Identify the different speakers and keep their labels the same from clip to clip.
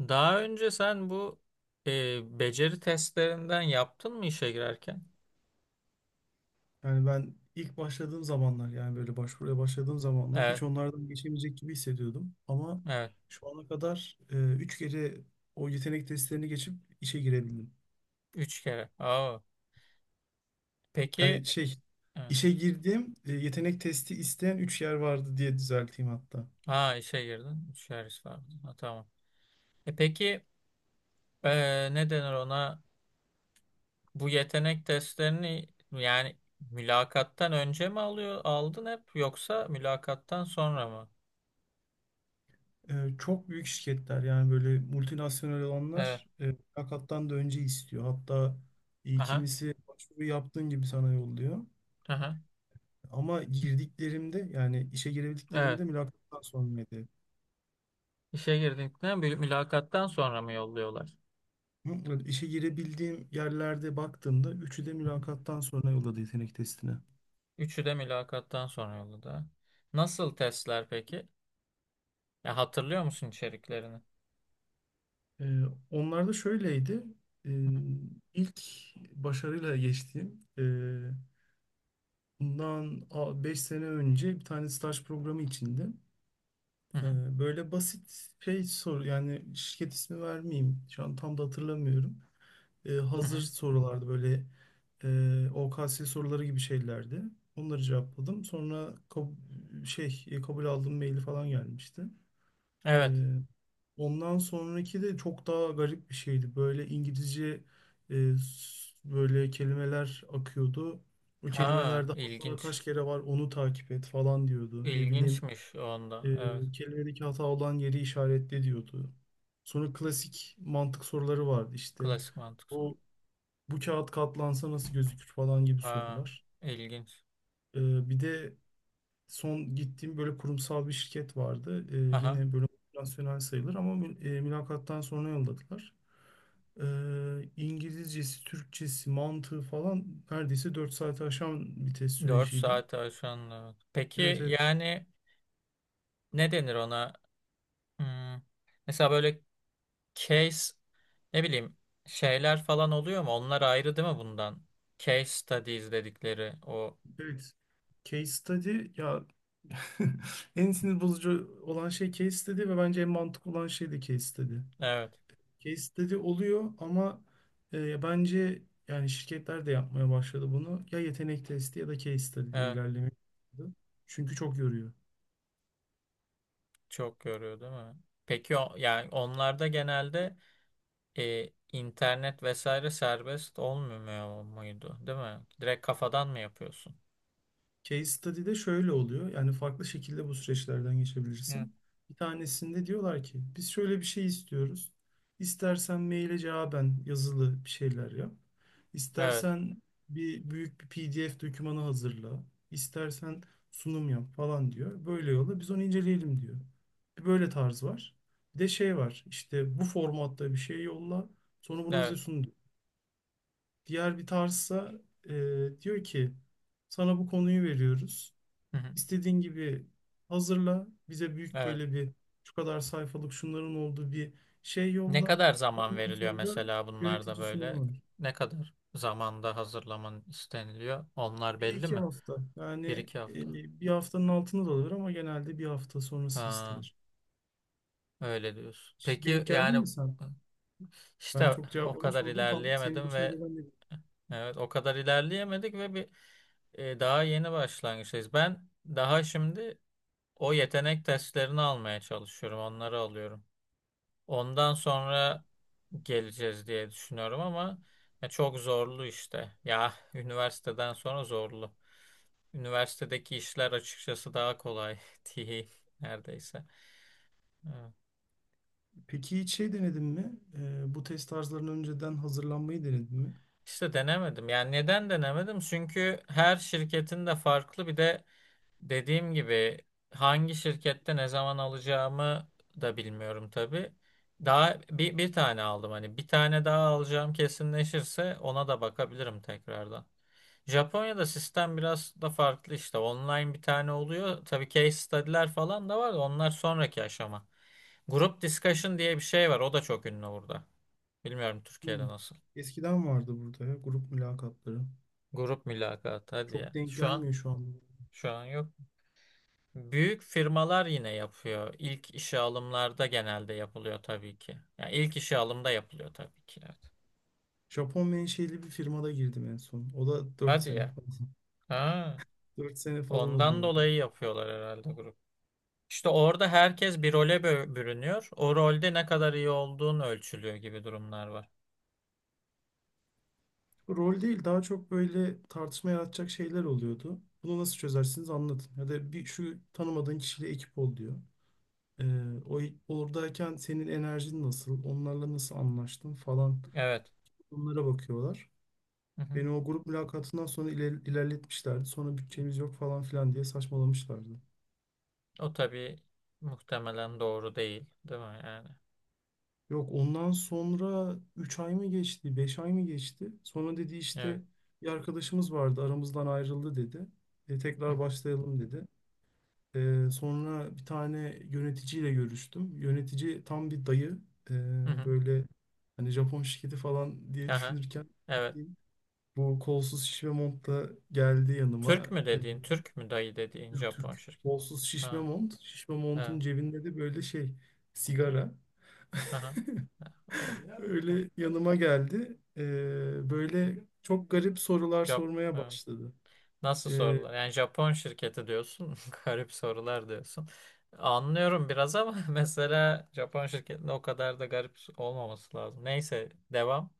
Speaker 1: Daha önce sen bu beceri testlerinden yaptın mı işe girerken?
Speaker 2: Yani ben ilk başladığım zamanlar yani böyle başvuruya başladığım zamanlar
Speaker 1: Evet,
Speaker 2: hiç onlardan geçemeyecek gibi hissediyordum. Ama
Speaker 1: evet.
Speaker 2: şu ana kadar üç kere o yetenek testlerini geçip işe girebildim.
Speaker 1: Üç kere. Aa, peki,
Speaker 2: Hani şey
Speaker 1: evet.
Speaker 2: işe girdiğim yetenek testi isteyen üç yer vardı diye düzelteyim hatta.
Speaker 1: Ha, işe girdin. Üç kere istedin. Ha, tamam. E peki, ne denir ona? Bu yetenek testlerini yani mülakattan önce mi alıyor, aldın hep, yoksa mülakattan sonra mı?
Speaker 2: Çok büyük şirketler yani böyle multinasyonel
Speaker 1: Evet.
Speaker 2: olanlar mülakattan da önce istiyor. Hatta
Speaker 1: Aha,
Speaker 2: kimisi başvuru yaptığın gibi sana yolluyor.
Speaker 1: aha.
Speaker 2: Ama girdiklerimde yani işe
Speaker 1: Evet.
Speaker 2: girebildiklerimde mülakattan sonraydı.
Speaker 1: İşe girdikten, mülakattan sonra mı yolluyorlar?
Speaker 2: Hı, İşe girebildiğim yerlerde baktığımda üçü de
Speaker 1: Hı hı.
Speaker 2: mülakattan sonra yolladı yetenek testine.
Speaker 1: Üçü de mülakattan sonra yolladı. Nasıl testler peki? Ya, hatırlıyor musun içeriklerini?
Speaker 2: Ee, Onlar da şöyleydi. Ee, ilk başarıyla geçtiğim bundan 5 sene önce bir tane staj programı içinde
Speaker 1: Hı hı hı
Speaker 2: e, böyle basit şey soru yani şirket ismi vermeyeyim. Şu an tam da hatırlamıyorum. Hazır
Speaker 1: hı.
Speaker 2: sorulardı böyle OKS soruları gibi şeylerdi. Onları cevapladım. Sonra kabul aldığım maili falan gelmişti. E,
Speaker 1: Evet.
Speaker 2: Ondan sonraki de çok daha garip bir şeydi. Böyle İngilizce böyle kelimeler akıyordu. O
Speaker 1: Ha,
Speaker 2: kelimelerde hata
Speaker 1: ilginç.
Speaker 2: kaç kere var onu takip et falan diyordu. Ne bileyim
Speaker 1: İlginçmiş onda. Evet.
Speaker 2: kelimedeki hata olan yeri işaretle diyordu. Sonra klasik mantık soruları vardı işte
Speaker 1: Klasik mantık soru.
Speaker 2: bu kağıt katlansa nasıl gözükür falan gibi
Speaker 1: Ha,
Speaker 2: sorular.
Speaker 1: ilginç.
Speaker 2: Bir de son gittiğim böyle kurumsal bir şirket vardı.
Speaker 1: Aha.
Speaker 2: Yine böyle nasyonel sayılır ama mülakattan sonra yolladılar. İngilizcesi, Türkçesi, mantığı falan neredeyse 4 saati aşan bir test
Speaker 1: 4
Speaker 2: süreciydi.
Speaker 1: saat aşan. Evet.
Speaker 2: Evet,
Speaker 1: Peki
Speaker 2: evet.
Speaker 1: yani ne denir ona? Hmm, mesela böyle case, ne bileyim, şeyler falan oluyor mu? Onlar ayrı değil mi bundan? Case studies dedikleri o.
Speaker 2: Evet. Case study ya. En sinir bozucu olan şey case study ve bence en mantıklı olan şey de case study.
Speaker 1: Evet.
Speaker 2: Case study oluyor ama bence yani şirketler de yapmaya başladı bunu. Ya yetenek testi ya da case study diye
Speaker 1: Evet.
Speaker 2: ilerlemek. Çünkü çok yoruyor.
Speaker 1: Çok yoruyor değil mi? Peki o, yani onlarda genelde internet vesaire serbest olmuyor muydu, değil mi? Direkt kafadan mı yapıyorsun?
Speaker 2: Case study'de şöyle oluyor. Yani farklı şekilde bu süreçlerden
Speaker 1: Hı.
Speaker 2: geçebilirsin. Bir tanesinde diyorlar ki biz şöyle bir şey istiyoruz. İstersen maile cevaben yazılı bir şeyler yap.
Speaker 1: Evet,
Speaker 2: İstersen bir büyük bir PDF dokümanı hazırla. İstersen sunum yap falan diyor. Böyle yolla biz onu inceleyelim diyor. Bir böyle tarz var. Bir de şey var. İşte bu formatta bir şey yolla. Sonra bunu bize
Speaker 1: evet.
Speaker 2: sun diyor. Diğer bir tarzsa e, diyor ki sana bu konuyu veriyoruz.
Speaker 1: Hı hı,
Speaker 2: İstediğin gibi hazırla. Bize büyük
Speaker 1: evet.
Speaker 2: böyle bir şu kadar sayfalık şunların olduğu bir şey
Speaker 1: Ne
Speaker 2: yolla.
Speaker 1: kadar zaman
Speaker 2: Ondan
Speaker 1: veriliyor
Speaker 2: sonra
Speaker 1: mesela bunlarda
Speaker 2: yönetici sunumu
Speaker 1: böyle?
Speaker 2: var.
Speaker 1: Ne kadar zamanda hazırlaman isteniliyor? Onlar
Speaker 2: Bir
Speaker 1: belli
Speaker 2: iki
Speaker 1: mi?
Speaker 2: hafta. Yani
Speaker 1: Bir iki hafta.
Speaker 2: bir haftanın altında da olur ama genelde bir hafta sonrası
Speaker 1: Ha,
Speaker 2: istenir.
Speaker 1: öyle diyorsun.
Speaker 2: Hiç
Speaker 1: Peki
Speaker 2: denk geldin
Speaker 1: yani
Speaker 2: mi sen? Ben
Speaker 1: işte
Speaker 2: çok
Speaker 1: o
Speaker 2: cevaplamış
Speaker 1: kadar
Speaker 2: oldum. Tam senin
Speaker 1: ilerleyemedim
Speaker 2: başına
Speaker 1: ve,
Speaker 2: gelen de.
Speaker 1: evet, o kadar ilerleyemedik ve bir daha yeni başlangıçtayız. Ben daha şimdi o yetenek testlerini almaya çalışıyorum, onları alıyorum. Ondan sonra geleceğiz diye düşünüyorum ama ya çok zorlu işte. Ya üniversiteden sonra zorlu. Üniversitedeki işler açıkçası daha kolay diyeyim neredeyse. Evet.
Speaker 2: Peki hiç şey denedin mi? Bu test tarzlarına önceden hazırlanmayı denedin mi?
Speaker 1: İşte denemedim. Yani neden denemedim? Çünkü her şirketin de farklı bir de, dediğim gibi, hangi şirkette ne zaman alacağımı da bilmiyorum tabii. Daha bir tane aldım, hani bir tane daha alacağım kesinleşirse ona da bakabilirim tekrardan. Japonya'da sistem biraz da farklı işte, online bir tane oluyor. Tabii case study'ler falan da var da onlar sonraki aşama. Grup discussion diye bir şey var, o da çok ünlü burada. Bilmiyorum Türkiye'de
Speaker 2: Hmm.
Speaker 1: nasıl.
Speaker 2: Eskiden vardı burada ya, grup mülakatları.
Speaker 1: Grup mülakat, hadi
Speaker 2: Çok
Speaker 1: ya.
Speaker 2: denk
Speaker 1: Şu an
Speaker 2: gelmiyor şu an.
Speaker 1: şu an yok. Büyük firmalar yine yapıyor. İlk işe alımlarda genelde yapılıyor tabii ki. Yani ilk işe alımda yapılıyor tabii ki. Evet.
Speaker 2: Japon menşeli bir firmada girdim en son. O da dört
Speaker 1: Hadi
Speaker 2: sene
Speaker 1: ya.
Speaker 2: falan.
Speaker 1: Ha,
Speaker 2: 4 sene falan
Speaker 1: ondan
Speaker 2: oluyordu.
Speaker 1: dolayı yapıyorlar herhalde grup. İşte orada herkes bir role bürünüyor. O rolde ne kadar iyi olduğun ölçülüyor gibi durumlar var.
Speaker 2: Rol değil, daha çok böyle tartışma yaratacak şeyler oluyordu. Bunu nasıl çözersiniz anlatın. Ya da bir şu tanımadığın kişiyle ekip ol diyor. Ee, o oradayken senin enerjin nasıl, onlarla nasıl anlaştın falan,
Speaker 1: Evet.
Speaker 2: bunlara bakıyorlar.
Speaker 1: Hı hı.
Speaker 2: Beni o grup mülakatından sonra ilerletmişlerdi. Sonra bütçemiz yok falan filan diye saçmalamışlardı.
Speaker 1: O tabii muhtemelen doğru değil, değil mi yani?
Speaker 2: Yok, ondan sonra 3 ay mı geçti, 5 ay mı geçti? Sonra dedi
Speaker 1: Evet.
Speaker 2: işte bir arkadaşımız vardı aramızdan ayrıldı dedi.
Speaker 1: Hı
Speaker 2: Tekrar
Speaker 1: hı.
Speaker 2: başlayalım dedi. Sonra bir tane yöneticiyle görüştüm. Yönetici tam bir dayı. E,
Speaker 1: Hı hı.
Speaker 2: Böyle hani Japon şirketi falan diye
Speaker 1: Aha.
Speaker 2: düşünürken
Speaker 1: Evet.
Speaker 2: bildiğin bu kolsuz şişme montla geldi
Speaker 1: Türk
Speaker 2: yanıma.
Speaker 1: mü dediğin, Türk mü dayı dediğin
Speaker 2: Türk
Speaker 1: Japon
Speaker 2: Türk
Speaker 1: şirket.
Speaker 2: kolsuz şişme
Speaker 1: Ha,
Speaker 2: mont. Şişme montun
Speaker 1: evet.
Speaker 2: cebinde de böyle şey, sigara.
Speaker 1: Aha. O, o.
Speaker 2: Öyle yanıma geldi. Böyle çok garip sorular
Speaker 1: Jap-
Speaker 2: sormaya
Speaker 1: e,
Speaker 2: başladı.
Speaker 1: Nasıl
Speaker 2: Ee,
Speaker 1: sorular? Yani Japon şirketi diyorsun. Garip sorular diyorsun. Anlıyorum biraz ama mesela Japon şirketinde o kadar da garip olmaması lazım. Neyse, devam.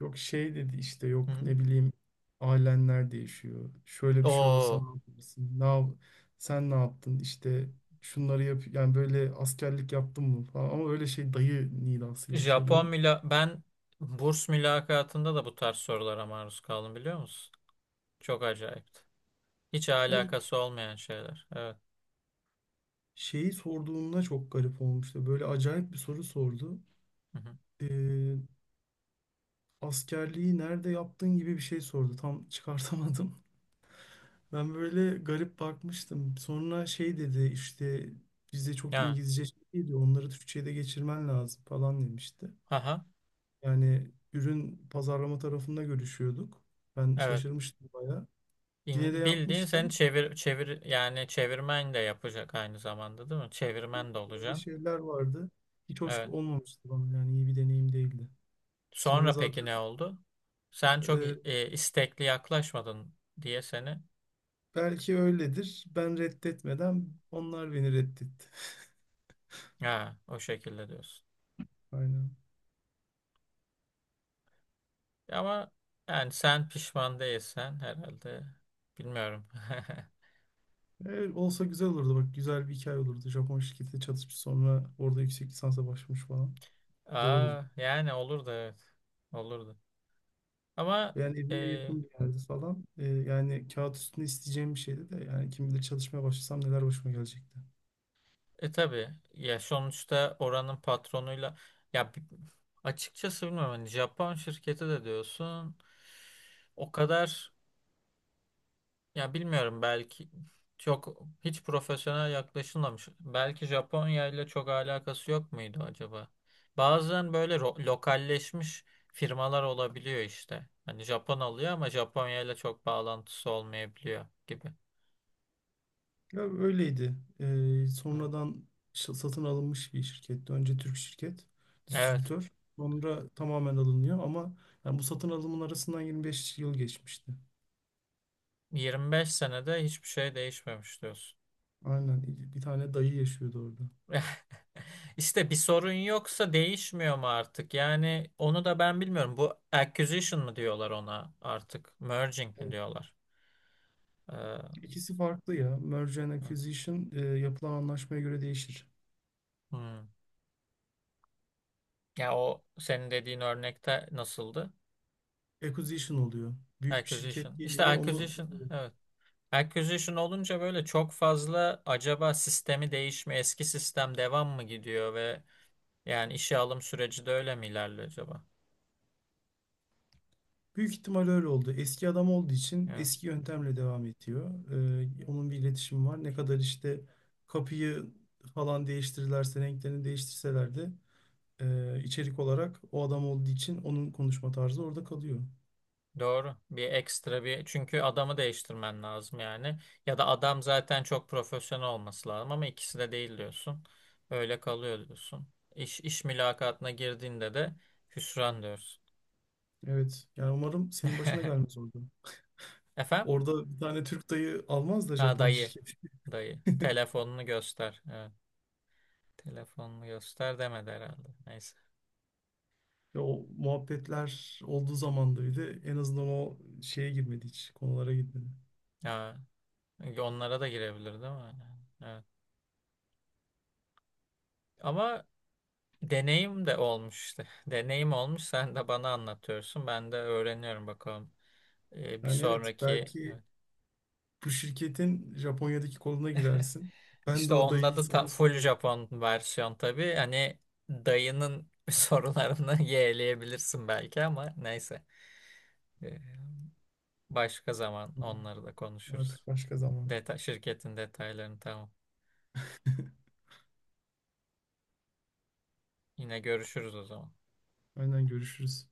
Speaker 2: Yok şey dedi işte
Speaker 1: Hı
Speaker 2: yok
Speaker 1: hı.
Speaker 2: ne bileyim ailenler değişiyor. Şöyle bir şey olsa ne
Speaker 1: O.
Speaker 2: yaparsın? Sen ne yaptın? İşte şunları yap yani böyle askerlik yaptın mı falan ama öyle şey dayı nidasıyla
Speaker 1: Japon
Speaker 2: soruyor.
Speaker 1: müla Ben burs mülakatında da bu tarz sorulara maruz kaldım, biliyor musun? Çok acayipti. Hiç
Speaker 2: Yani
Speaker 1: alakası olmayan şeyler. Evet.
Speaker 2: şeyi sorduğunda çok garip olmuştu. Böyle acayip bir soru sordu.
Speaker 1: Hı hı.
Speaker 2: Ee, Askerliği nerede yaptın gibi bir şey sordu. Tam çıkartamadım. Ben böyle garip bakmıştım. Sonra şey dedi işte bizde çok
Speaker 1: Yani.
Speaker 2: İngilizce şey değil, onları Türkçe'ye de geçirmen lazım falan demişti.
Speaker 1: Aha.
Speaker 2: Yani ürün pazarlama tarafında görüşüyorduk. Ben
Speaker 1: Evet.
Speaker 2: şaşırmıştım bayağı. Yine de
Speaker 1: Bildiğin sen
Speaker 2: yapmıştım.
Speaker 1: çevir çevir, yani çevirmen de yapacak aynı zamanda değil mi? Çevirmen de
Speaker 2: Böyle
Speaker 1: olacaksın.
Speaker 2: şeyler vardı. Hiç hoş
Speaker 1: Evet.
Speaker 2: olmamıştı bana, yani iyi bir deneyim değildi. Sonra
Speaker 1: Sonra peki
Speaker 2: zaten
Speaker 1: ne oldu? Sen çok
Speaker 2: e,
Speaker 1: istekli yaklaşmadın diye seni,
Speaker 2: belki öyledir. Ben reddetmeden onlar beni reddetti.
Speaker 1: ha, o şekilde diyorsun.
Speaker 2: Aynen.
Speaker 1: Ama yani sen pişman değilsen herhalde, bilmiyorum.
Speaker 2: Olsa güzel olurdu bak, güzel bir hikaye olurdu. Japon şirketi çatışmış sonra orada yüksek lisansa başlamış falan. Güzel olurdu.
Speaker 1: Aa, yani olur da, evet. Olurdu. Ama
Speaker 2: Yani
Speaker 1: e,
Speaker 2: evime yakın bir yerde falan. Yani kağıt üstünde isteyeceğim bir şeydi de yani kim bilir çalışmaya başlasam neler başıma gelecekti.
Speaker 1: Tabii ya, sonuçta oranın patronuyla, ya açıkçası bilmiyorum, hani Japon şirketi de diyorsun, o kadar, ya bilmiyorum, belki çok hiç profesyonel yaklaşılmamış. Belki Japonya ile çok alakası yok muydu acaba? Bazen böyle lokalleşmiş firmalar olabiliyor işte. Hani Japon alıyor ama Japonya ile çok bağlantısı olmayabiliyor gibi.
Speaker 2: Ya, öyleydi.
Speaker 1: Hı.
Speaker 2: Sonradan satın alınmış bir şirketti. Önce Türk şirket,
Speaker 1: Evet.
Speaker 2: distribütör. Sonra tamamen alınıyor ama yani bu satın alımın arasından 25 yıl geçmişti.
Speaker 1: 25 senede hiçbir şey değişmemiş diyorsun.
Speaker 2: Aynen. Bir tane dayı yaşıyordu orada.
Speaker 1: İşte bir sorun yoksa değişmiyor mu artık? Yani onu da ben bilmiyorum. Bu acquisition mı diyorlar ona artık? Merging mi diyorlar? Ee,
Speaker 2: İkisi farklı ya. Merge and acquisition, yapılan anlaşmaya göre değişir.
Speaker 1: hmm. Ya o senin dediğin örnekte nasıldı?
Speaker 2: Acquisition oluyor. Büyük bir şirket
Speaker 1: Acquisition. İşte
Speaker 2: geliyor onu,
Speaker 1: acquisition. Evet. Acquisition olunca böyle çok fazla, acaba sistemi değişme, eski sistem devam mı gidiyor ve yani işe alım süreci de öyle mi ilerliyor acaba?
Speaker 2: büyük ihtimal öyle oldu. Eski adam olduğu için
Speaker 1: Evet.
Speaker 2: eski yöntemle devam ediyor. Onun bir iletişimi var. Ne kadar işte kapıyı falan değiştirirlerse, renklerini değiştirseler de içerik olarak o adam olduğu için onun konuşma tarzı orada kalıyor.
Speaker 1: Doğru. Bir ekstra bir, çünkü adamı değiştirmen lazım yani. Ya da adam zaten çok profesyonel olması lazım, ama ikisi de değil diyorsun. Öyle kalıyor diyorsun. İş mülakatına girdiğinde de hüsran diyorsun.
Speaker 2: Evet. Yani umarım senin başına gelmez orada.
Speaker 1: Efendim?
Speaker 2: Orada bir tane Türk dayı almaz da
Speaker 1: Ha,
Speaker 2: Japon
Speaker 1: dayı.
Speaker 2: şirketi.
Speaker 1: Dayı. Telefonunu göster. Evet. Telefonunu göster demedi herhalde. Neyse.
Speaker 2: Ya o muhabbetler olduğu zaman da bir de en azından o şeye girmedi hiç, konulara girmedi.
Speaker 1: Ha, onlara da girebilir değil mi? Evet. Ama deneyim de olmuş işte. Deneyim olmuş. Sen de bana anlatıyorsun. Ben de öğreniyorum bakalım. Bir
Speaker 2: Yani evet,
Speaker 1: sonraki,
Speaker 2: belki
Speaker 1: evet,
Speaker 2: bu şirketin Japonya'daki koluna girersin. Ben de
Speaker 1: işte
Speaker 2: o
Speaker 1: onda
Speaker 2: odayı
Speaker 1: da ta-
Speaker 2: sana
Speaker 1: full
Speaker 2: söyleyeyim.
Speaker 1: Japon versiyon tabii. Hani dayının sorularını yeğleyebilirsin belki ama neyse. Ee, Başka zaman onları da konuşuruz.
Speaker 2: Artık başka zaman.
Speaker 1: Şirketin detaylarını, tamam. Yine görüşürüz o zaman.
Speaker 2: Aynen, görüşürüz.